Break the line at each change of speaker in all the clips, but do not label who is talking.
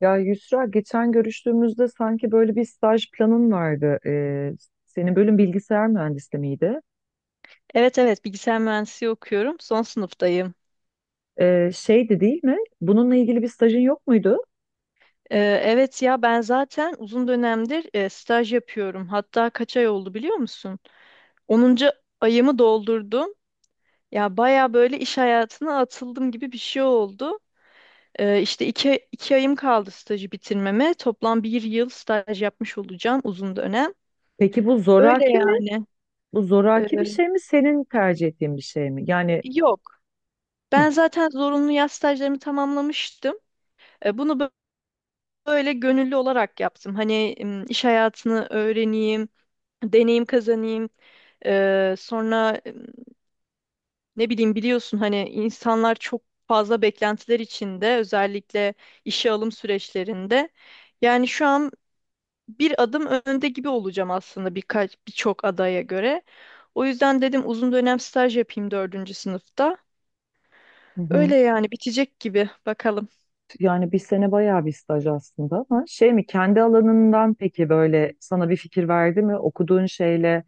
Ya Yusra geçen görüştüğümüzde sanki böyle bir staj planın vardı. Senin bölüm bilgisayar mühendisliği miydi?
Evet evet, bilgisayar mühendisliği okuyorum. Son sınıftayım.
Şeydi değil mi? Bununla ilgili bir stajın yok muydu?
Ee, evet ya ben zaten uzun dönemdir staj yapıyorum. Hatta kaç ay oldu biliyor musun? 10. ayımı doldurdum. Ya baya böyle iş hayatına atıldım gibi bir şey oldu. İşte iki ayım kaldı stajı bitirmeme. Toplam bir yıl staj yapmış olacağım uzun dönem.
Peki bu
Öyle
zoraki mi?
yani.
Bu
Ee,
zoraki bir şey mi? Senin tercih ettiğin bir şey mi? Yani
yok.
hı,
Ben zaten zorunlu yaz stajlarımı tamamlamıştım. Bunu böyle gönüllü olarak yaptım. Hani iş hayatını öğreneyim, deneyim kazanayım. Sonra ne bileyim, biliyorsun hani insanlar çok fazla beklentiler içinde, özellikle işe alım süreçlerinde. Yani şu an bir adım önde gibi olacağım aslında birkaç birçok adaya göre. O yüzden dedim uzun dönem staj yapayım dördüncü sınıfta.
hı hı.
Öyle yani, bitecek gibi, bakalım.
Yani bir sene bayağı bir staj aslında ama şey mi? Kendi alanından peki böyle sana bir fikir verdi mi? Okuduğun şeyle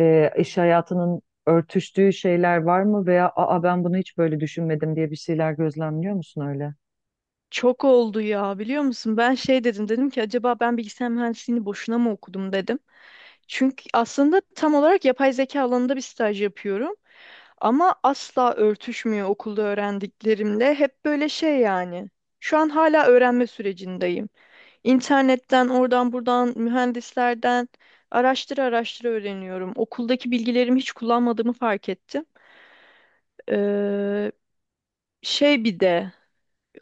iş hayatının örtüştüğü şeyler var mı? Veya aa, ben bunu hiç böyle düşünmedim diye bir şeyler gözlemliyor musun öyle?
Çok oldu ya, biliyor musun? Ben şey dedim ki acaba ben bilgisayar mühendisliğini boşuna mı okudum dedim. Çünkü aslında tam olarak yapay zeka alanında bir staj yapıyorum ama asla örtüşmüyor okulda öğrendiklerimle. Hep böyle şey yani. Şu an hala öğrenme sürecindeyim. İnternetten, oradan buradan, mühendislerden araştıra araştıra öğreniyorum. Okuldaki bilgilerimi hiç kullanmadığımı fark ettim. Ee, şey, bir de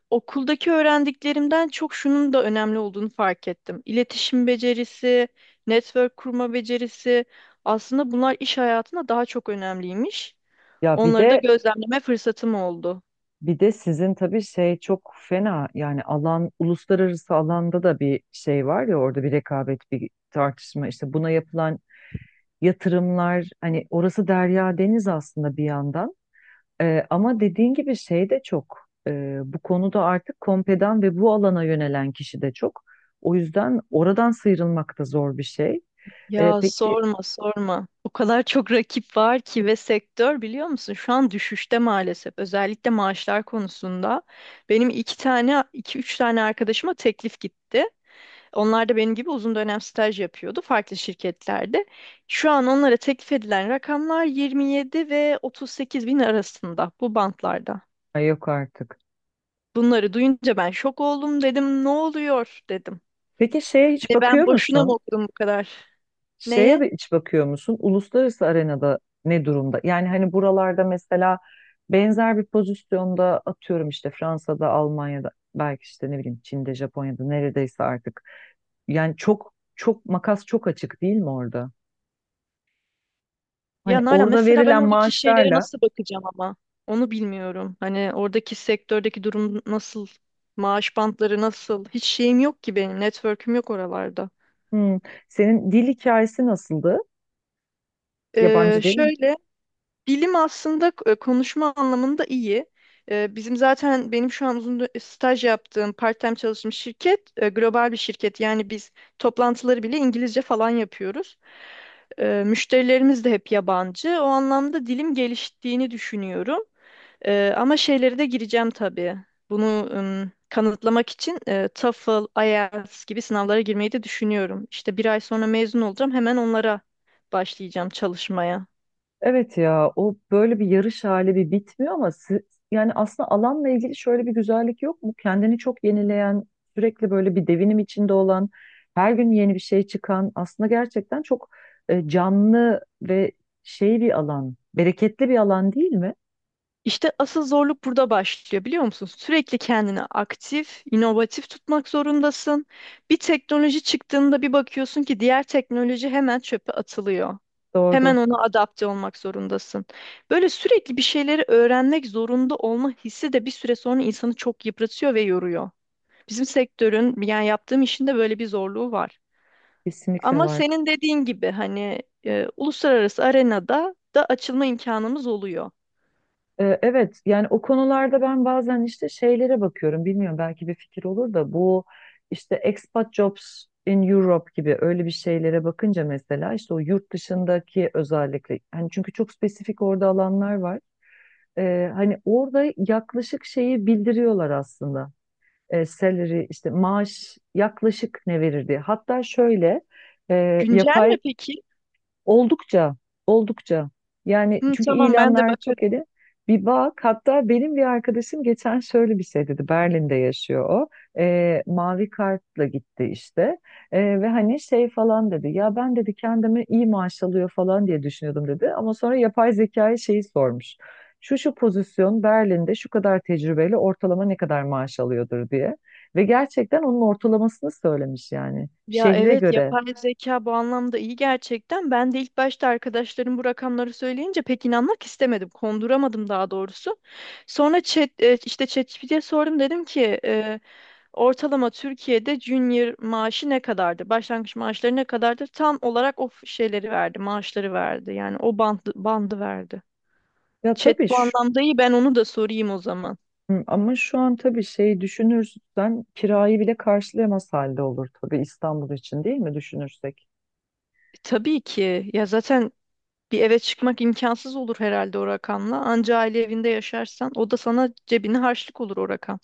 okuldaki öğrendiklerimden çok şunun da önemli olduğunu fark ettim. İletişim becerisi, network kurma becerisi aslında bunlar iş hayatında daha çok önemliymiş.
Ya bir
Onları da
de
gözlemleme fırsatım oldu.
bir de sizin tabii şey çok fena, yani alan uluslararası alanda da bir şey var ya, orada bir rekabet, bir tartışma, işte buna yapılan yatırımlar, hani orası derya deniz aslında bir yandan. Ama dediğin gibi şey de çok, bu konuda artık kompedan ve bu alana yönelen kişi de çok, o yüzden oradan sıyrılmak da zor bir şey.
Ya
Peki,
sorma sorma. O kadar çok rakip var ki, ve sektör biliyor musun şu an düşüşte maalesef. Özellikle maaşlar konusunda. Benim iki tane, iki üç tane arkadaşıma teklif gitti. Onlar da benim gibi uzun dönem staj yapıyordu farklı şirketlerde. Şu an onlara teklif edilen rakamlar 27 ve 38 bin arasında, bu bantlarda.
ay yok artık,
Bunları duyunca ben şok oldum, dedim ne oluyor dedim.
peki şeye hiç
Hani ben
bakıyor
boşuna mı
musun?
okudum bu kadar?
Şeye
Neye?
bir iç bakıyor musun? Uluslararası arenada ne durumda? Yani hani buralarda mesela benzer bir pozisyonda atıyorum işte Fransa'da, Almanya'da, belki işte ne bileyim Çin'de, Japonya'da neredeyse artık. Yani çok çok makas çok açık değil mi orada?
Ya
Hani
Nalan,
orada
mesela ben
verilen
oradaki şeylere
maaşlarla
nasıl bakacağım, ama onu bilmiyorum. Hani oradaki sektördeki durum nasıl? Maaş bantları nasıl? Hiç şeyim yok ki benim. Network'üm yok oralarda.
hmm, senin dil hikayesi nasıldı? Yabancı değil.
Şöyle. Bilim aslında konuşma anlamında iyi. Bizim zaten, benim şu an staj yaptığım, part-time çalıştığım şirket global bir şirket. Yani biz toplantıları bile İngilizce falan yapıyoruz. Müşterilerimiz de hep yabancı. O anlamda dilim geliştiğini düşünüyorum. Ama şeylere de gireceğim tabii. Bunu kanıtlamak için TOEFL, IELTS gibi sınavlara girmeyi de düşünüyorum. İşte bir ay sonra mezun olacağım. Hemen onlara başlayacağım çalışmaya.
Evet ya, o böyle bir yarış hali bir bitmiyor ama yani aslında alanla ilgili şöyle bir güzellik yok mu? Kendini çok yenileyen, sürekli böyle bir devinim içinde olan, her gün yeni bir şey çıkan aslında gerçekten çok canlı ve şey bir alan, bereketli bir alan değil mi?
İşte asıl zorluk burada başlıyor, biliyor musun? Sürekli kendini aktif, inovatif tutmak zorundasın. Bir teknoloji çıktığında bir bakıyorsun ki diğer teknoloji hemen çöpe atılıyor.
Doğru,
Hemen ona adapte olmak zorundasın. Böyle sürekli bir şeyleri öğrenmek zorunda olma hissi de bir süre sonra insanı çok yıpratıyor ve yoruyor. Bizim sektörün, yani yaptığım işin de böyle bir zorluğu var.
kesinlikle
Ama
var.
senin dediğin gibi hani uluslararası arenada da açılma imkanımız oluyor.
Evet, yani o konularda ben bazen işte şeylere bakıyorum, bilmiyorum belki bir fikir olur da bu, işte expat jobs in Europe gibi öyle bir şeylere bakınca mesela işte o yurt dışındaki, özellikle hani çünkü çok spesifik orada alanlar var. Hani orada yaklaşık şeyi bildiriyorlar aslında. Salary, işte maaş yaklaşık ne verir diye, hatta şöyle
Güncel mi
yapay.
peki?
Oldukça, oldukça. Yani
Hı,
çünkü
tamam, ben de
ilanlar çok
bakarım.
eli. Bir bak, hatta benim bir arkadaşım geçen şöyle bir şey dedi. Berlin'de yaşıyor o. Mavi kartla gitti işte. Ve hani şey falan dedi. Ya ben dedi kendimi iyi maaş alıyor falan diye düşünüyordum dedi. Ama sonra yapay zekaya şeyi sormuş. Şu şu pozisyon Berlin'de şu kadar tecrübeyle ortalama ne kadar maaş alıyordur diye. Ve gerçekten onun ortalamasını söylemiş yani.
Ya
Şehre
evet,
göre.
yapay zeka bu anlamda iyi gerçekten. Ben de ilk başta arkadaşlarım bu rakamları söyleyince pek inanmak istemedim. Konduramadım daha doğrusu. Sonra işte ChatGPT'ye sordum, dedim ki ortalama Türkiye'de junior maaşı ne kadardır? Başlangıç maaşları ne kadardır? Tam olarak o şeyleri verdi, maaşları verdi. Yani o bandı verdi.
Ya
Chat
tabii.
bu anlamda iyi, ben onu da sorayım o zaman.
Hı, ama şu an tabii şey düşünürsen kirayı bile karşılayamaz halde olur tabii, İstanbul için değil mi düşünürsek?
Tabii ki ya, zaten bir eve çıkmak imkansız olur herhalde o rakamla. Anca aile evinde yaşarsan o da sana cebine harçlık olur o rakam.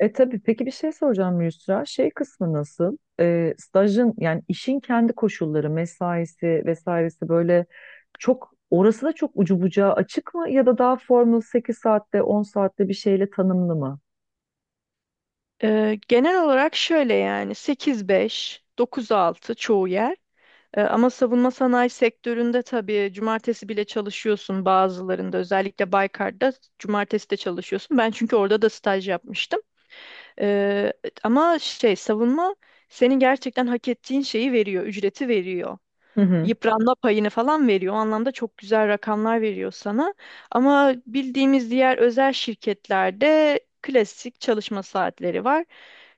E tabii, peki bir şey soracağım Yusra. Şey kısmı nasıl? Stajın yani işin kendi koşulları, mesaisi vesairesi böyle çok, orası da çok ucu bucağı açık mı ya da daha formal 8 saatte 10 saatte bir şeyle tanımlı mı?
Genel olarak şöyle yani, 8-5, 9-6 çoğu yer. Ama savunma sanayi sektöründe tabii cumartesi bile çalışıyorsun bazılarında. Özellikle Baykar'da cumartesi de çalışıyorsun. Ben çünkü orada da staj yapmıştım. Ee, ama şey, savunma senin gerçekten hak ettiğin şeyi veriyor, ücreti veriyor.
Hı hı.
Yıpranma payını falan veriyor. O anlamda çok güzel rakamlar veriyor sana. Ama bildiğimiz diğer özel şirketlerde klasik çalışma saatleri var.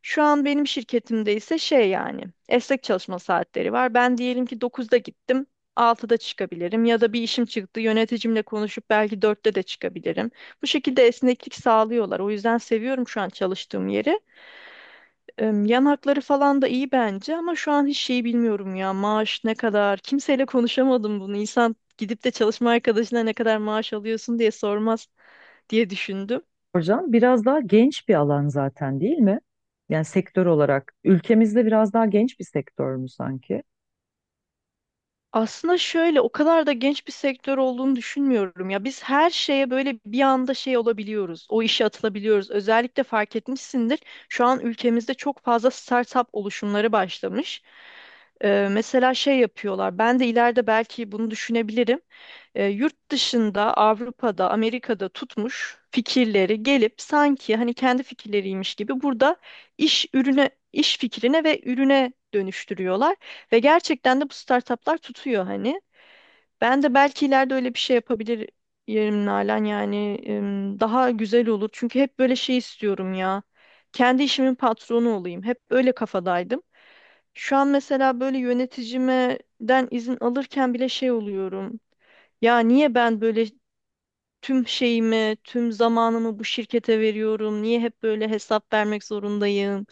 Şu an benim şirketimde ise şey yani, esnek çalışma saatleri var. Ben diyelim ki 9'da gittim. 6'da çıkabilirim ya da bir işim çıktı, yöneticimle konuşup belki 4'te de çıkabilirim. Bu şekilde esneklik sağlıyorlar. O yüzden seviyorum şu an çalıştığım yeri. Yan hakları falan da iyi bence, ama şu an hiç şeyi bilmiyorum ya, maaş ne kadar kimseyle konuşamadım, bunu insan gidip de çalışma arkadaşına ne kadar maaş alıyorsun diye sormaz diye düşündüm.
Hocam biraz daha genç bir alan zaten değil mi? Yani sektör olarak ülkemizde biraz daha genç bir sektör mü sanki?
Aslında şöyle, o kadar da genç bir sektör olduğunu düşünmüyorum ya. Biz her şeye böyle bir anda şey olabiliyoruz, o işe atılabiliyoruz. Özellikle fark etmişsindir şu an ülkemizde çok fazla startup oluşumları başlamış. Mesela şey yapıyorlar, ben de ileride belki bunu düşünebilirim. Yurt dışında, Avrupa'da, Amerika'da tutmuş fikirleri gelip sanki hani kendi fikirleriymiş gibi burada iş ürüne, iş fikrine ve ürüne dönüştürüyorlar, ve gerçekten de bu startuplar tutuyor hani. Ben de belki ileride öyle bir şey yapabilir yerim Nalan, yani daha güzel olur. Çünkü hep böyle şey istiyorum ya. Kendi işimin patronu olayım. Hep öyle kafadaydım. Şu an mesela böyle yöneticimden izin alırken bile şey oluyorum. Ya niye ben böyle tüm şeyimi, tüm zamanımı bu şirkete veriyorum? Niye hep böyle hesap vermek zorundayım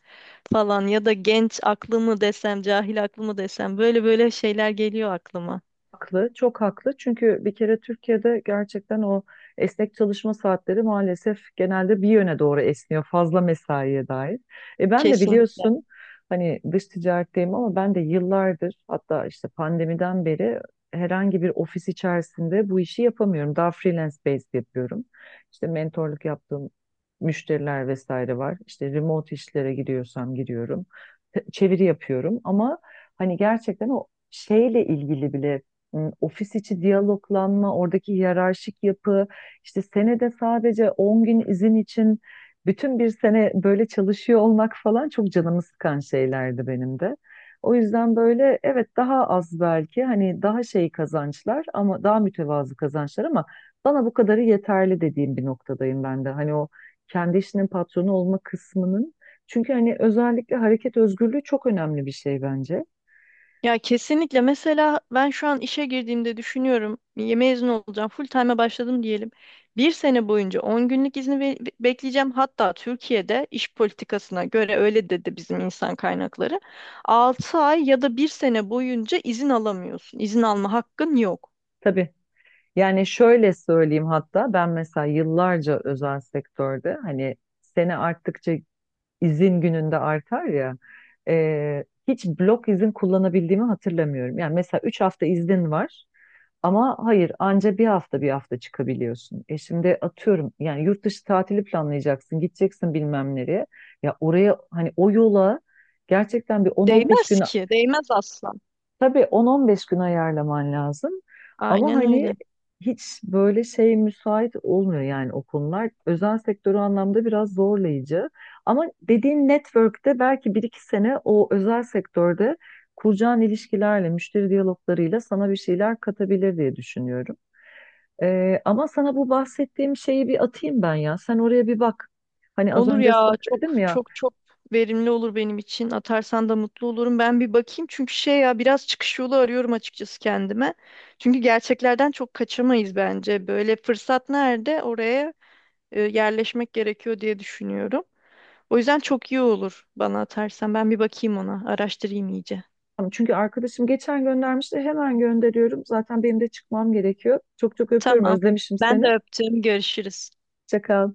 falan, ya da genç aklımı desem, cahil aklımı desem, böyle böyle şeyler geliyor aklıma.
Haklı, çok haklı. Çünkü bir kere Türkiye'de gerçekten o esnek çalışma saatleri maalesef genelde bir yöne doğru esniyor, fazla mesaiye dair. E ben de
Kesinlikle.
biliyorsun hani dış ticaretteyim, ama ben de yıllardır, hatta işte pandemiden beri herhangi bir ofis içerisinde bu işi yapamıyorum. Daha freelance based yapıyorum. İşte mentorluk yaptığım müşteriler vesaire var. İşte remote işlere gidiyorsam giriyorum. Çeviri yapıyorum ama hani gerçekten o şeyle ilgili bile ofis içi diyaloglanma, oradaki hiyerarşik yapı, işte senede sadece 10 gün izin için bütün bir sene böyle çalışıyor olmak falan çok canımı sıkan şeylerdi benim de. O yüzden böyle evet, daha az belki hani daha şey kazançlar ama daha mütevazı kazançlar ama bana bu kadarı yeterli dediğim bir noktadayım ben de. Hani o kendi işinin patronu olma kısmının, çünkü hani özellikle hareket özgürlüğü çok önemli bir şey bence.
Ya kesinlikle. Mesela ben şu an işe girdiğimde düşünüyorum, ya mezun olacağım, full time'a başladım diyelim. Bir sene boyunca 10 günlük izni bekleyeceğim. Hatta Türkiye'de iş politikasına göre öyle dedi bizim insan kaynakları. 6 ay ya da bir sene boyunca izin alamıyorsun. İzin alma hakkın yok.
Tabii. Yani şöyle söyleyeyim, hatta ben mesela yıllarca özel sektörde hani sene arttıkça izin gününde artar ya, hiç blok izin kullanabildiğimi hatırlamıyorum. Yani mesela 3 hafta iznin var. Ama hayır, anca bir hafta çıkabiliyorsun. E şimdi atıyorum yani yurt dışı tatili planlayacaksın, gideceksin bilmem nereye. Ya oraya hani o yola gerçekten bir 10-15
Değmez
gün,
ki. Değmez asla.
tabii 10-15 gün ayarlaman lazım. Ama
Aynen
hani
öyle.
hiç böyle şey müsait olmuyor yani o konular. Özel sektörü anlamda biraz zorlayıcı. Ama dediğin network'te belki bir iki sene o özel sektörde kuracağın ilişkilerle, müşteri diyaloglarıyla sana bir şeyler katabilir diye düşünüyorum. Ama sana bu bahsettiğim şeyi bir atayım ben ya. Sen oraya bir bak. Hani az
Olur
önce
ya,
sana
çok
dedim ya.
çok çok verimli olur benim için. Atarsan da mutlu olurum. Ben bir bakayım, çünkü şey ya, biraz çıkış yolu arıyorum açıkçası kendime. Çünkü gerçeklerden çok kaçamayız bence. Böyle fırsat nerede, oraya yerleşmek gerekiyor diye düşünüyorum. O yüzden çok iyi olur bana, atarsan. Ben bir bakayım ona, araştırayım iyice.
Tamam, çünkü arkadaşım geçen göndermişti. Hemen gönderiyorum. Zaten benim de çıkmam gerekiyor. Çok çok öpüyorum.
Tamam.
Özlemişim
Ben de
seni.
öptüm. Görüşürüz.
Hoşça kal.